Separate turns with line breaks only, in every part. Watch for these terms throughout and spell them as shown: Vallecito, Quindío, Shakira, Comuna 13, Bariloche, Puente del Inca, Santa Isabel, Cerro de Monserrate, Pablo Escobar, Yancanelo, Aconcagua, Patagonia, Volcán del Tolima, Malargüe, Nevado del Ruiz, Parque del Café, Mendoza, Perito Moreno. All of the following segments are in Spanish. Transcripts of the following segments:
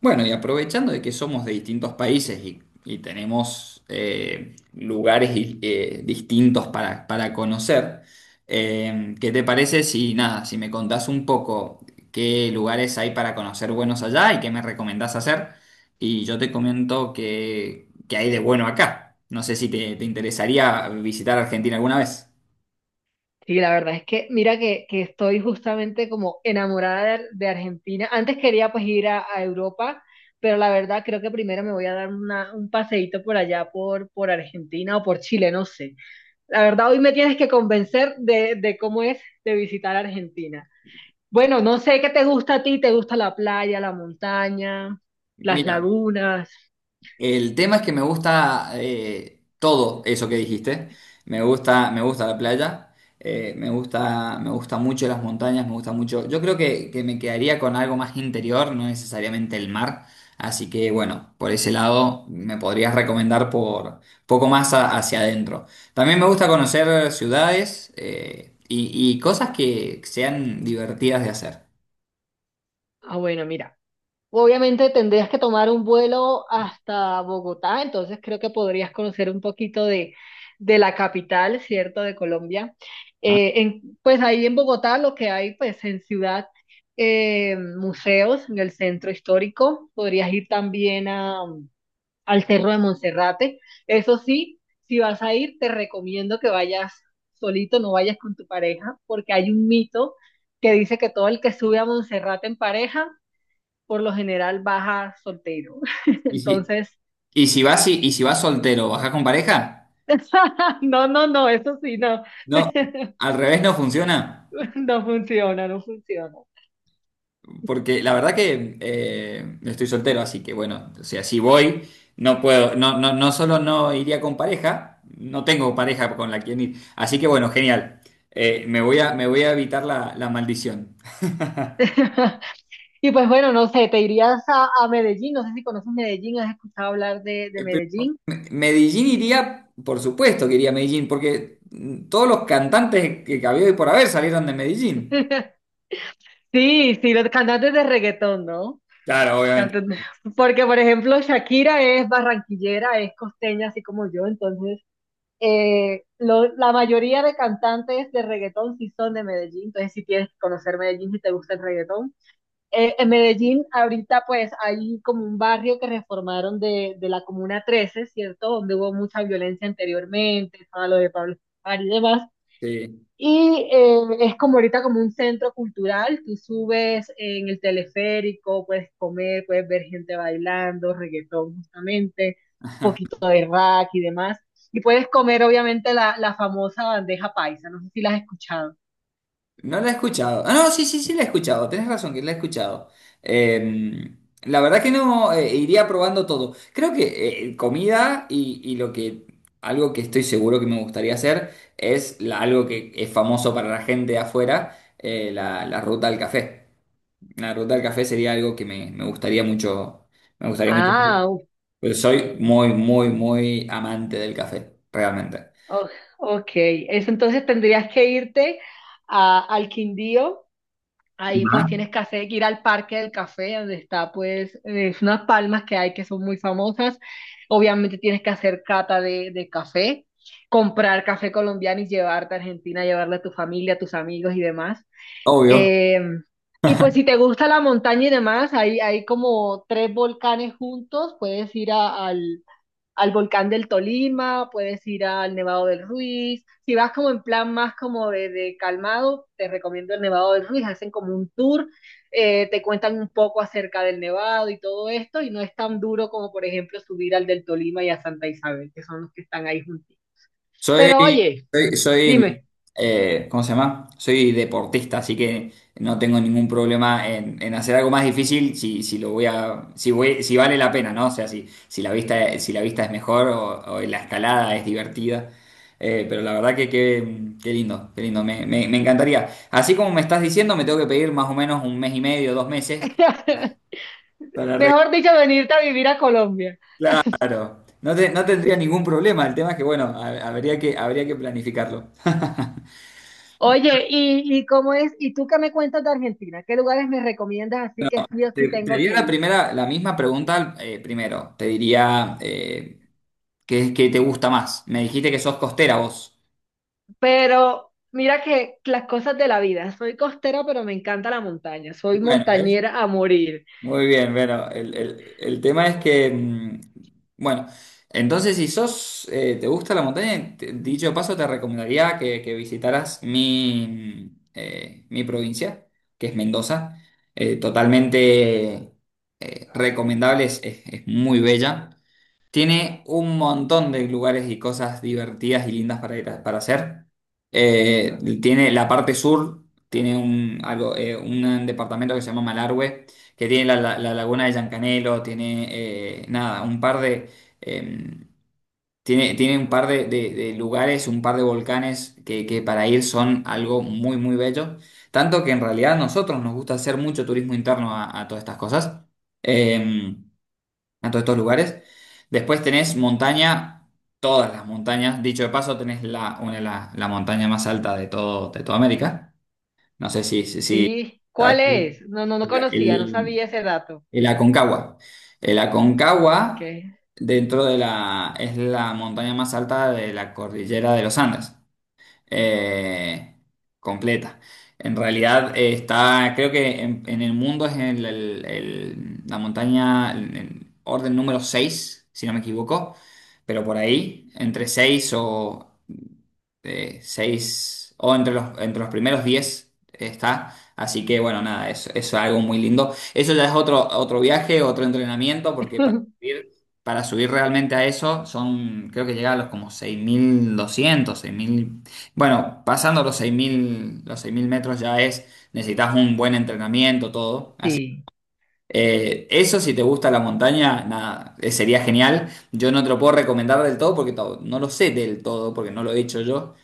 Bueno, y aprovechando de que somos de distintos países y tenemos lugares distintos para conocer, ¿qué te parece si me contás un poco qué lugares hay para conocer buenos allá y qué me recomendás hacer? Y yo te comento qué hay de bueno acá. No sé si te interesaría visitar Argentina alguna vez.
Sí, la verdad es que mira que estoy justamente como enamorada de Argentina. Antes quería pues ir a Europa, pero la verdad creo que primero me voy a dar un paseíto por allá por Argentina o por Chile, no sé. La verdad hoy me tienes que convencer de cómo es de visitar Argentina. Bueno, no sé qué te gusta a ti, te gusta la playa, la montaña, las
Mira,
lagunas.
el tema es que me gusta todo eso que dijiste. Me gusta la playa, me gusta mucho las montañas, me gusta mucho. Yo creo que me quedaría con algo más interior, no necesariamente el mar. Así que bueno, por ese lado me podrías recomendar por poco más hacia adentro. También me gusta conocer ciudades y cosas que sean divertidas de hacer,
Ah, bueno, mira. Obviamente tendrías que tomar un vuelo hasta Bogotá, entonces creo que podrías conocer un poquito de la capital, ¿cierto?, de Colombia.
¿no?
Pues ahí en Bogotá lo que hay, pues en ciudad, museos, en el centro histórico, podrías ir también a, al Cerro de Monserrate. Eso sí, si vas a ir, te recomiendo que vayas solito, no vayas con tu pareja, porque hay un mito que dice que todo el que sube a Monserrate en pareja, por lo general baja soltero.
Y si,
Entonces,
y si vas soltero, ¿vas con pareja?
no, no, no, eso sí, no.
No, al revés no funciona,
No funciona, no funciona.
porque la verdad que estoy soltero, así que bueno, o sea, si voy, no puedo, no, no, no solo no iría con pareja, no tengo pareja con la quien ir, así que bueno, genial. Me voy a evitar la maldición.
Y pues bueno, no sé, te irías a Medellín, no sé si conoces Medellín, has escuchado hablar de
Pero
Medellín.
Medellín iría, por supuesto que iría a Medellín, porque todos los cantantes que había hoy por haber salieron de Medellín.
Sí, sí, los cantantes de reggaetón, ¿no?
Claro, obviamente,
Cantantes- Porque, por ejemplo, Shakira es barranquillera, es costeña, así como yo, entonces la mayoría de cantantes de reggaetón sí son de Medellín, entonces si tienes que conocer Medellín si te gusta el reggaetón. En Medellín ahorita pues hay como un barrio que reformaron de la Comuna 13, ¿cierto? Donde hubo mucha violencia anteriormente, todo lo de Pablo Escobar y demás.
sí.
Y es como ahorita como un centro cultural, tú subes en el teleférico, puedes comer, puedes ver gente bailando, reggaetón justamente, un poquito de rock y demás. Y puedes comer obviamente la famosa bandeja paisa, no sé si la has escuchado.
No la he escuchado. Ah, no, sí, sí, sí la he escuchado. Tienes razón que la he escuchado. Eh, la verdad que no, iría probando todo. Creo que comida y lo que algo que estoy seguro que me gustaría hacer es algo que es famoso para la gente de afuera, la ruta al café. La ruta al café sería algo que me gustaría mucho hacer.
Ah,
Pero soy muy, muy, muy amante del café, realmente.
oh, ok, eso entonces tendrías que irte al Quindío, ahí pues
Ajá.
tienes que hacer, ir al Parque del Café, donde está pues unas palmas que hay que son muy famosas, obviamente tienes que hacer cata de café, comprar café colombiano y llevarte a Argentina, llevarle a tu familia, a tus amigos y demás.
Obvio.
Eh, y pues si te gusta la montaña y demás, hay como tres volcanes juntos, puedes ir al volcán del Tolima, puedes ir al Nevado del Ruiz. Si vas como en plan más como de calmado, te recomiendo el Nevado del Ruiz. Hacen como un tour, te cuentan un poco acerca del Nevado y todo esto, y no es tan duro como, por ejemplo, subir al del Tolima y a Santa Isabel, que son los que están ahí juntitos.
Soy,
Pero oye,
soy,
dime,
¿cómo se llama? Soy deportista, así que no tengo ningún problema en hacer algo más difícil si, si voy, si vale la pena, ¿no? O sea, si, si la vista es mejor o la escalada es divertida. Pero la verdad que qué lindo, me encantaría. Así como me estás diciendo, me tengo que pedir más o menos un mes y medio, dos meses para arreglar.
mejor dicho, venirte a vivir a Colombia.
Claro, no, no tendría ningún problema. El tema es que, bueno, habría que planificarlo.
Oye, y cómo es? ¿Y tú qué me cuentas de Argentina? ¿Qué lugares me recomiendas así que sí o sí
Te
tengo
haría
que
la
ir?
primera, la misma pregunta primero. Te diría ¿qué te gusta más? Me dijiste que sos costera vos.
Pero mira que las cosas de la vida. Soy costera, pero me encanta la montaña. Soy
Bueno, ¿ves?
montañera a morir.
Muy bien, bueno, el tema es que, bueno, entonces si sos, te gusta la montaña, dicho de paso te recomendaría que visitaras mi provincia, que es Mendoza. Totalmente recomendable, es muy bella. Tiene un montón de lugares y cosas divertidas y lindas para ir para hacer. Tiene la parte sur, tiene un departamento que se llama Malargüe, que tiene la laguna de Yancanelo, tiene nada, un par de eh, tiene un par de, de lugares, un par de volcanes que para ir son algo muy, muy bello. Tanto que en realidad a nosotros nos gusta hacer mucho turismo interno a todas estas cosas. Em, a todos estos lugares. Después tenés montaña, todas las montañas. Dicho de paso, tenés la montaña más alta de todo, de toda América. No sé
Sí.
¿sabes?
¿Cuál es? No, no, no
El,
conocía, no
el-
sabía ese dato.
el Aconcagua. El
Ok.
Aconcagua, dentro de la, es la montaña más alta de la cordillera de los Andes eh, completa. En realidad creo que en el mundo es la montaña en orden número 6, si no me equivoco, pero por ahí, entre 6 o 6 o entre los primeros 10 está. Así que bueno, nada, eso es algo muy lindo. Eso ya es otro, otro viaje, otro entrenamiento, porque para subir realmente a eso son, creo que llega a los como seis mil doscientos seis mil bueno, pasando los 6.000 metros ya es, necesitas un buen entrenamiento, todo. Así,
Sí.
eso si te gusta la montaña, nada, sería genial. Yo no te lo puedo recomendar del todo porque no lo sé del todo, porque no lo he hecho yo,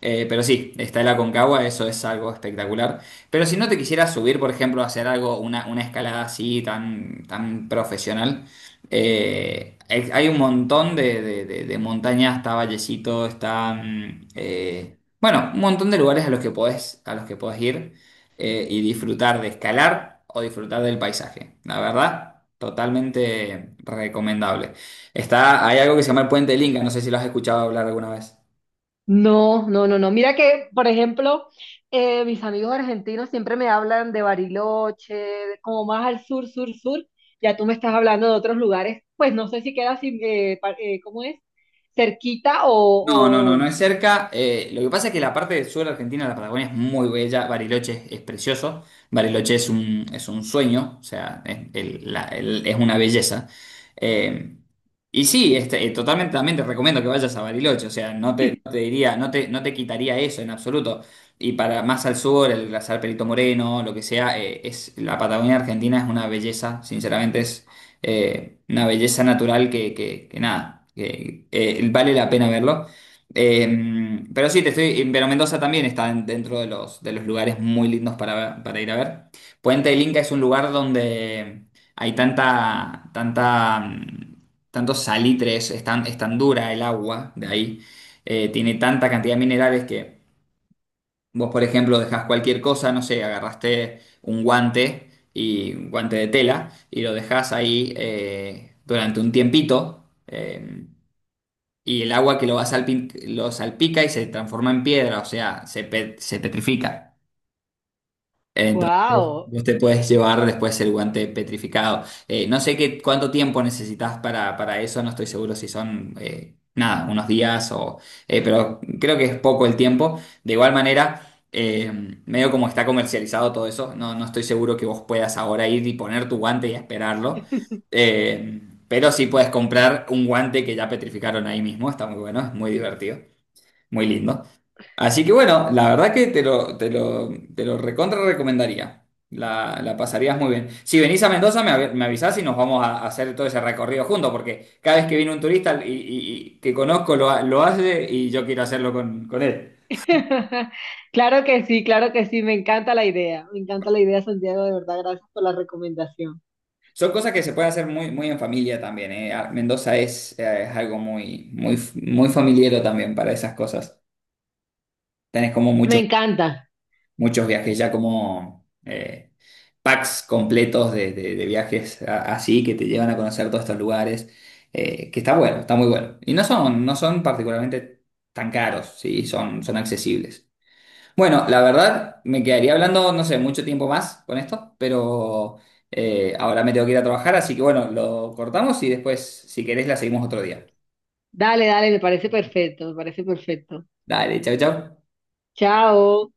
pero sí, está el Aconcagua, eso es algo espectacular. Pero si no te quisieras subir, por ejemplo, a hacer algo, una escalada así tan, tan profesional, hay un montón de, de montañas, está Vallecito, está... bueno, un montón de lugares a los que podés, a los que podés ir y disfrutar de escalar o disfrutar del paisaje. La verdad, totalmente recomendable. Está, hay algo que se llama el Puente del Inca, no sé si lo has escuchado hablar alguna vez.
No, no, no, no. Mira que, por ejemplo, mis amigos argentinos siempre me hablan de Bariloche, de como más al sur, sur, sur. Ya tú me estás hablando de otros lugares. Pues no sé si queda, sin, ¿cómo es? Cerquita
No, no, no, no
o...
es cerca. Lo que pasa es que la parte del sur de Argentina, la Patagonia, es muy bella. Bariloche es precioso. Bariloche es un sueño, o sea, es, es una belleza. Eh, y sí, totalmente también te recomiendo que vayas a Bariloche, o sea, no te diría, no te quitaría eso en absoluto. Y para más al sur, el glaciar Perito Moreno, lo que sea, la Patagonia Argentina es una belleza, sinceramente es una belleza natural que nada, que vale la pena verlo. Pero sí, te estoy, pero Mendoza también está dentro de los lugares muy lindos para ir a ver. Puente del Inca es un lugar donde hay tanta, tantos salitres, es tan dura el agua de ahí, tiene tanta cantidad de minerales que vos, por ejemplo, dejás cualquier cosa, no sé, agarraste un guante y un guante de tela y lo dejás ahí durante un tiempito. Y el agua va lo salpica y se transforma en piedra, o sea, se petrifica. Entonces,
¡Wow!
vos te puedes llevar después el guante petrificado. No sé cuánto tiempo necesitas para eso, no estoy seguro si son, nada, unos días o... pero creo que es poco el tiempo. De igual manera... eh, medio como está comercializado todo eso, no, no estoy seguro que vos puedas ahora ir y poner tu guante y esperarlo. Eh, pero sí puedes comprar un guante que ya petrificaron ahí mismo, está muy bueno, es muy divertido. Muy lindo. Así que bueno, la verdad que te lo recontra recomendaría. La pasarías muy bien. Si venís a Mendoza, me avisás y nos vamos a hacer todo ese recorrido juntos, porque cada vez que viene un turista y que conozco lo hace y yo quiero hacerlo con él.
Claro que sí, me encanta la idea, me encanta la idea, Santiago, de verdad, gracias por la recomendación.
Son cosas que se pueden hacer muy, muy en familia también, eh. Ah, Mendoza es algo muy, muy, muy familiero también para esas cosas. Tenés como
Me encanta.
muchos viajes ya como... packs completos de, de viajes así que te llevan a conocer todos estos lugares, que está bueno, está muy bueno. Y no son particularmente tan caros, sí, son, son accesibles. Bueno, la verdad, me quedaría hablando, no sé, mucho tiempo más con esto, pero ahora me tengo que ir a trabajar, así que bueno, lo cortamos y después, si querés, la seguimos otro día.
Dale, dale, me parece perfecto, me parece perfecto.
Dale, chau, chau.
Chao.